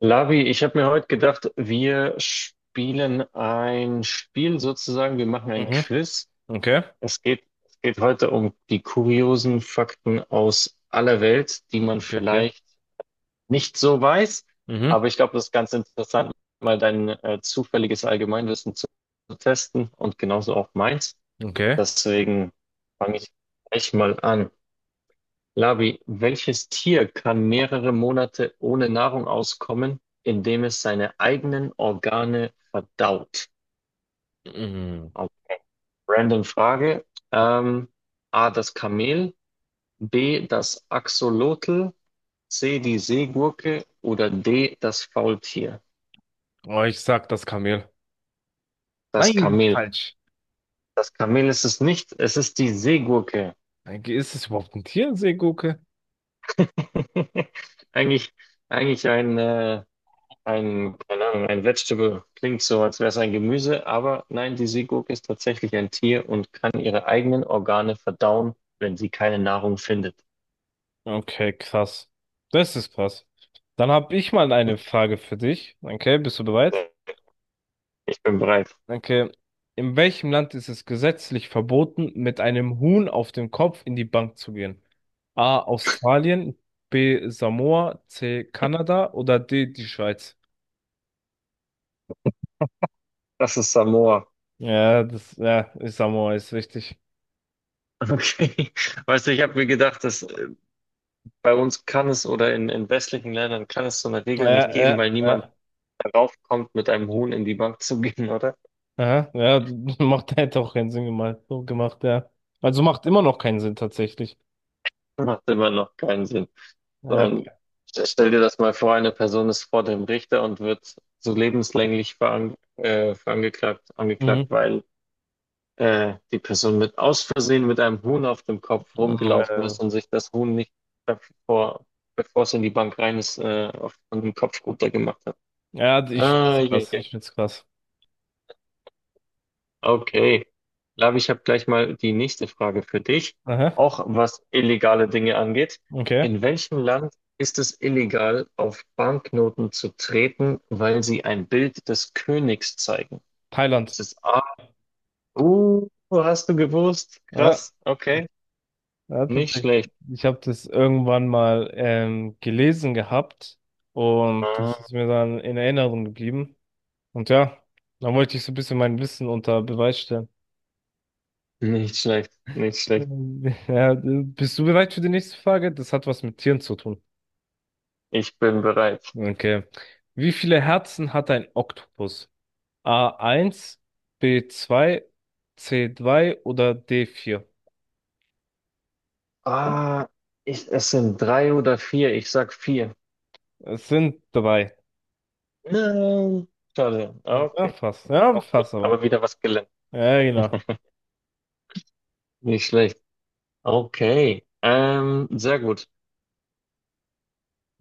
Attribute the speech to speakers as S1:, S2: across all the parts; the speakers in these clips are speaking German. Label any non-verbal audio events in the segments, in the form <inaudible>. S1: Lavi, ich habe mir heute gedacht, wir spielen ein Spiel sozusagen, wir machen ein
S2: Mhm.
S1: Quiz.
S2: Okay.
S1: Es geht heute um die kuriosen Fakten aus aller Welt, die man
S2: Okay, okay.
S1: vielleicht nicht so weiß,
S2: Mhm.
S1: aber ich glaube, das ist ganz interessant, mal dein zufälliges Allgemeinwissen zu testen und genauso auch meins.
S2: Okay.
S1: Deswegen fange ich gleich mal an. Labi, welches Tier kann mehrere Monate ohne Nahrung auskommen, indem es seine eigenen Organe verdaut?
S2: Mhm.
S1: Also, random Frage. Ähm, A, das Kamel, B, das Axolotl, C, die Seegurke oder D, das Faultier?
S2: Oh, ich sag das Kamel.
S1: Das
S2: Nein, das ist
S1: Kamel.
S2: falsch.
S1: Das Kamel ist es nicht, es ist die Seegurke.
S2: Ist es überhaupt ein Tier, eine Seegurke?
S1: <laughs> Eigentlich, eigentlich ein keine Ahnung, ein Vegetable klingt so, als wäre es ein Gemüse, aber nein, die Seegurke ist tatsächlich ein Tier und kann ihre eigenen Organe verdauen, wenn sie keine Nahrung findet.
S2: Okay, krass. Das ist krass. Dann habe ich mal eine Frage für dich. Okay, bist du bereit?
S1: So, ich bin bereit.
S2: Okay. In welchem Land ist es gesetzlich verboten, mit einem Huhn auf dem Kopf in die Bank zu gehen? A. Australien, B. Samoa, C. Kanada oder D. die Schweiz?
S1: Das ist Samoa.
S2: Ja, das, ja, Samoa ist richtig.
S1: Okay. <laughs> Weißt du, ich habe mir gedacht, dass bei uns kann es oder in westlichen Ländern kann es so eine Regel
S2: Ja,
S1: nicht geben,
S2: ja,
S1: weil niemand
S2: ja,
S1: darauf kommt, mit einem Huhn in die Bank zu gehen, oder?
S2: ja, ja, <laughs> macht hätte auch keinen Sinn gemacht, so gemacht, ja. Also macht immer noch keinen Sinn tatsächlich.
S1: <laughs> Macht immer noch keinen Sinn. So
S2: Ja, okay.
S1: ein, stell dir das mal vor, eine Person ist vor dem Richter und wird so lebenslänglich angeklagt,
S2: Mhm.
S1: weil die Person mit aus Versehen mit einem Huhn auf dem Kopf rumgelaufen
S2: Äh,
S1: ist und sich das Huhn nicht bevor, bevor es in die Bank rein ist, von dem Kopf runter gemacht hat.
S2: ja, ich
S1: Ah,
S2: find's
S1: je.
S2: krass, ich find's krass.
S1: Okay. Lavi, ich habe gleich mal die nächste Frage für dich,
S2: Aha,
S1: auch was illegale Dinge angeht.
S2: okay.
S1: In welchem Land ist es illegal, auf Banknoten zu treten, weil sie ein Bild des Königs zeigen?
S2: Thailand.
S1: Ist es A? Hast du gewusst?
S2: Ja,
S1: Krass, okay.
S2: ja,
S1: Nicht
S2: tatsächlich.
S1: schlecht.
S2: Ich habe das irgendwann mal gelesen gehabt und das
S1: Ah,
S2: ist mir dann in Erinnerung geblieben. Und ja, dann wollte ich so ein bisschen mein Wissen unter Beweis stellen. <laughs>
S1: nicht schlecht, nicht schlecht.
S2: Ja, bist du bereit für die nächste Frage? Das hat was mit Tieren zu tun.
S1: Ich bin bereit.
S2: Okay. Wie viele Herzen hat ein Oktopus? A eins, B zwei, C zwei oder D vier?
S1: Ah, es sind drei oder vier. Ich sag vier.
S2: Es sind drei.
S1: Nein. Schade. Ah,
S2: Ja,
S1: okay,
S2: fast. Ja,
S1: auch gut.
S2: fast aber.
S1: Aber wieder was gelernt.
S2: Ja, genau.
S1: Nicht schlecht. Okay. Sehr gut.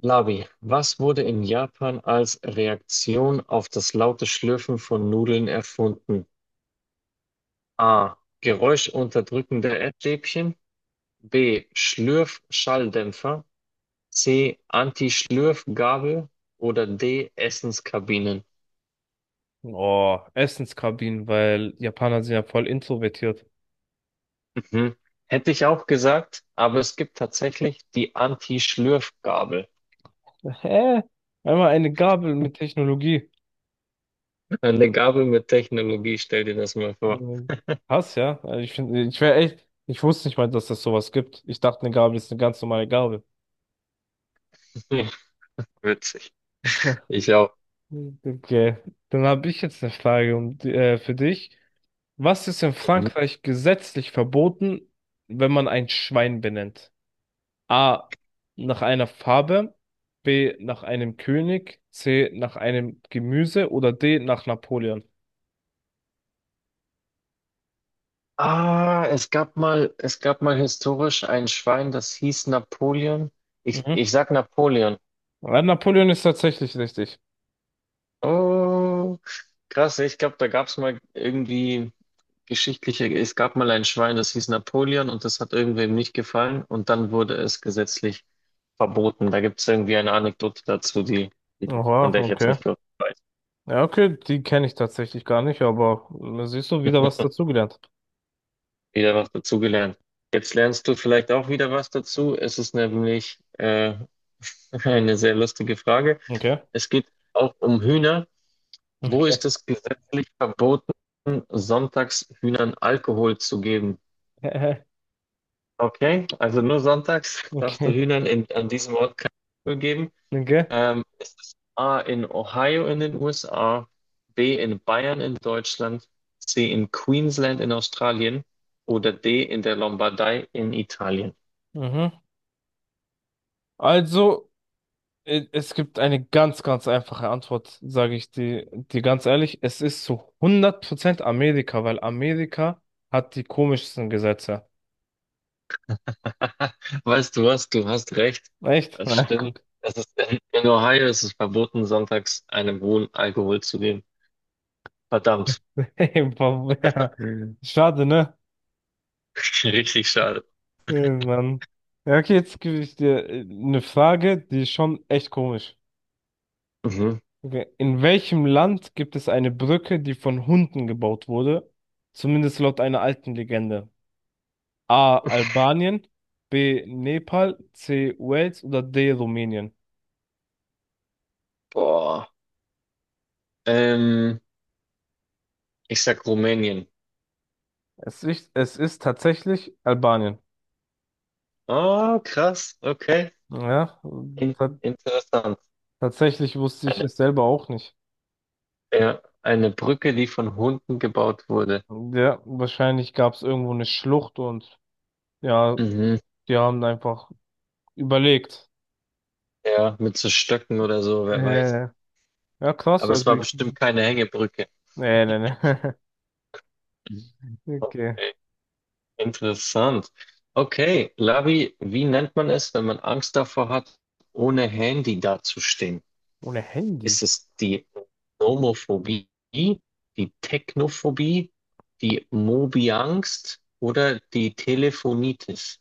S1: Labi, was wurde in Japan als Reaktion auf das laute Schlürfen von Nudeln erfunden? A. Geräuschunterdrückende Essstäbchen. B. Schlürfschalldämpfer. C. Anti-Schlürfgabel. Oder D. Essenskabinen.
S2: Oh, Essenskabinen, weil Japaner sind ja voll introvertiert.
S1: Mhm. Hätte ich auch gesagt, aber es gibt tatsächlich die Anti-Schlürfgabel.
S2: Hä? Einmal eine Gabel mit Technologie.
S1: Eine Gabel mit Technologie, stell dir das mal vor.
S2: Und krass, ja. Also ich wäre echt, ich wusste nicht mal, dass das sowas gibt. Ich dachte, eine Gabel ist eine ganz normale Gabel.
S1: <laughs> Witzig.
S2: <laughs>
S1: Ich auch.
S2: Okay, dann habe ich jetzt eine Frage für dich. Was ist in Frankreich gesetzlich verboten, wenn man ein Schwein benennt? A. Nach einer Farbe, B. Nach einem König, C. Nach einem Gemüse oder D. Nach Napoleon?
S1: Ah, es gab mal historisch ein Schwein, das hieß Napoleon. Ich,
S2: Mhm.
S1: ich sag Napoleon.
S2: Ja, Napoleon ist tatsächlich richtig.
S1: Oh, krass. Ich glaube, da gab es mal irgendwie geschichtliche, es gab mal ein Schwein, das hieß Napoleon und das hat irgendwem nicht gefallen und dann wurde es gesetzlich verboten. Da gibt es irgendwie eine Anekdote dazu, die- von
S2: Oha,
S1: der ich jetzt
S2: okay.
S1: nicht wirklich weiß.
S2: Ja, okay, die kenne ich tatsächlich gar nicht, aber da siehst du wieder was dazugelernt.
S1: Wieder was dazu gelernt. Jetzt lernst du vielleicht auch wieder was dazu. Es ist nämlich <laughs> eine sehr lustige Frage.
S2: Okay.
S1: Es geht auch um Hühner. Wo ist
S2: Okay.
S1: es gesetzlich verboten, sonntags Hühnern Alkohol zu geben?
S2: <laughs>
S1: Okay, also nur sonntags darfst du
S2: Okay.
S1: Hühnern an diesem Ort kein Alkohol geben.
S2: Okay.
S1: Es ist A in Ohio in den USA, B in Bayern in Deutschland, C in Queensland in Australien oder D in der Lombardei in Italien?
S2: Mhm. Also. Es gibt eine ganz, ganz einfache Antwort, sage ich dir ganz ehrlich. Es ist zu 100% Amerika, weil Amerika hat die komischsten Gesetze.
S1: <laughs> Weißt du was, du hast recht.
S2: Echt?
S1: Das
S2: Na,
S1: stimmt.
S2: guck. <laughs>
S1: Das ist in Ohio ist es verboten, sonntags einem hohen Alkohol zu geben. Verdammt,
S2: Hey, Bob, ja. Schade, ne?
S1: <laughs> richtig schade.
S2: Hey, Mann. Ja, okay, jetzt gebe ich dir eine Frage, die ist schon echt komisch.
S1: Mhm.
S2: Okay. In welchem Land gibt es eine Brücke, die von Hunden gebaut wurde? Zumindest laut einer alten Legende. A. Albanien, B. Nepal, C. Wales oder D. Rumänien?
S1: Boah. Ähm, Ich sag Rumänien.
S2: Es ist tatsächlich Albanien.
S1: Oh, krass. Okay.
S2: Ja,
S1: In
S2: ta-
S1: interessant.
S2: tatsächlich wusste ich
S1: Eine,
S2: es selber auch nicht.
S1: ja, eine Brücke, die von Hunden gebaut wurde.
S2: Ja, wahrscheinlich gab es irgendwo eine Schlucht und ja,
S1: Mhm.
S2: die haben einfach überlegt.
S1: Ja, mit so Stöcken oder so, wer weiß.
S2: Äh, ja, krass,
S1: Aber es
S2: also
S1: war
S2: ich.
S1: bestimmt keine Hängebrücke.
S2: Nee, nee, nee. <laughs> Okay.
S1: Okay. Interessant. Okay, Lavi, wie nennt man es, wenn man Angst davor hat, ohne Handy dazustehen?
S2: Ohne Handy.
S1: Ist es die Nomophobie, die Technophobie, die Mobiangst oder die Telefonitis?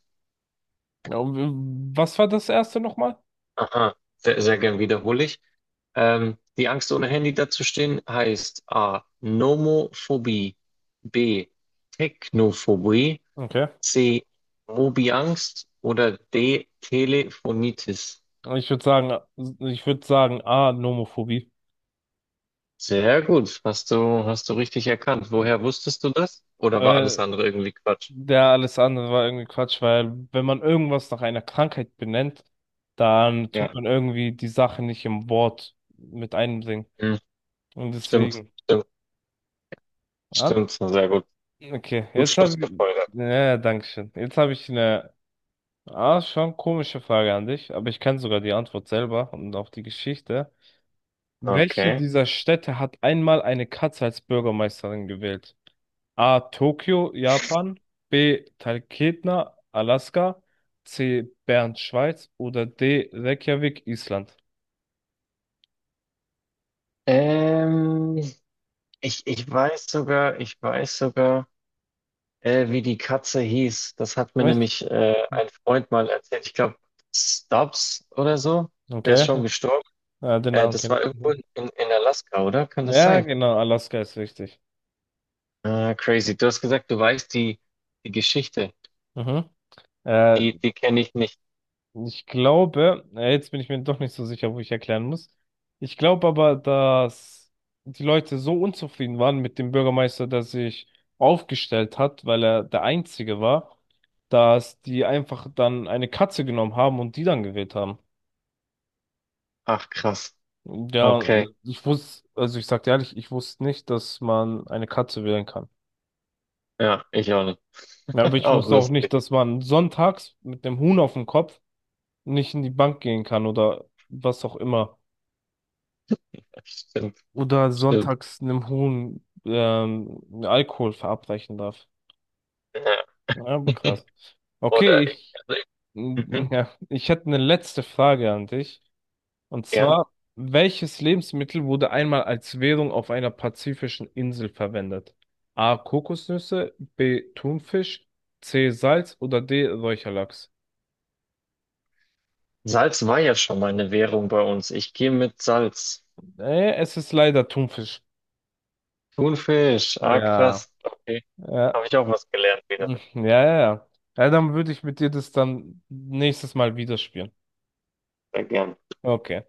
S2: Ja, und was war das erste nochmal?
S1: Aha, sehr, sehr gern wiederhole ich. Die Angst, ohne Handy dazustehen, heißt A. Nomophobie, B. Technophobie,
S2: Okay.
S1: C. Mobiangst oder D. Telefonitis.
S2: Ich würde sagen, ich würde sagen, A, Nomophobie.
S1: Sehr gut, hast du richtig erkannt. Woher wusstest du das? Oder war alles
S2: Äh,
S1: andere irgendwie Quatsch?
S2: ja, alles andere war irgendwie Quatsch, weil wenn man irgendwas nach einer Krankheit benennt, dann tut
S1: Ja.
S2: man irgendwie die Sache nicht im Wort mit einbringen.
S1: Hm.
S2: Und
S1: Stimmt,
S2: deswegen.
S1: stimmt,
S2: Ah,
S1: stimmt. Sehr gut.
S2: okay,
S1: Gut
S2: jetzt habe ich.
S1: schlussgefolgert.
S2: Ja, ja, danke schön. Jetzt habe ich eine schon komische Frage an dich, aber ich kenne sogar die Antwort selber und auch die Geschichte. Welche
S1: Okay.
S2: dieser Städte hat einmal eine Katze als Bürgermeisterin gewählt? A. Tokio, Japan. B. Talkeetna, Alaska. C. Bern, Schweiz. Oder D. Reykjavik, Island.
S1: Ähm, ich weiß sogar, wie die Katze hieß. Das hat mir
S2: Nicht?
S1: nämlich ein Freund mal erzählt. Ich glaube, Stubbs oder so. Der ist schon
S2: Okay.
S1: gestorben.
S2: Ja, den Namen
S1: Das
S2: kenne
S1: war
S2: ich
S1: irgendwo
S2: nicht.
S1: in Alaska, oder? Kann das
S2: Ja,
S1: sein?
S2: genau, Alaska ist richtig.
S1: Ah, crazy. Du hast gesagt, du weißt die Geschichte.
S2: Mhm. Äh,
S1: Die kenne ich nicht.
S2: Ich glaube, jetzt bin ich mir doch nicht so sicher, wo ich erklären muss. Ich glaube aber, dass die Leute so unzufrieden waren mit dem Bürgermeister, der sich aufgestellt hat, weil er der Einzige war, dass die einfach dann eine Katze genommen haben und die dann gewählt haben.
S1: Ach, krass.
S2: Ja,
S1: Okay.
S2: ich wusste, also ich sag dir ehrlich, ich wusste nicht, dass man eine Katze wählen kann.
S1: Ja, ich auch nicht.
S2: Ja, aber
S1: <laughs>
S2: ich
S1: Auch
S2: wusste auch nicht,
S1: lustig.
S2: dass man sonntags mit dem Huhn auf dem Kopf nicht in die Bank gehen kann oder was auch immer.
S1: Stimmt,
S2: Oder
S1: stimmt.
S2: sonntags einem Huhn Alkohol verabreichen darf.
S1: Ja.
S2: Ja, aber krass.
S1: Oder
S2: Okay, ich,
S1: also,
S2: <laughs>
S1: mhm,
S2: ja, ich hätte eine letzte Frage an dich. Und
S1: gern.
S2: zwar, welches Lebensmittel wurde einmal als Währung auf einer pazifischen Insel verwendet? A. Kokosnüsse, B. Thunfisch, C. Salz oder D. Räucherlachs?
S1: Salz war ja schon mal eine Währung bei uns. Ich gehe mit Salz.
S2: Es ist leider Thunfisch.
S1: Thunfisch. Ah,
S2: Ja,
S1: krass. Okay. Habe
S2: ja,
S1: ich auch was gelernt wieder.
S2: ja, ja. Ja, ja, dann würde ich mit dir das dann nächstes Mal wieder spielen.
S1: Sehr gern.
S2: Okay.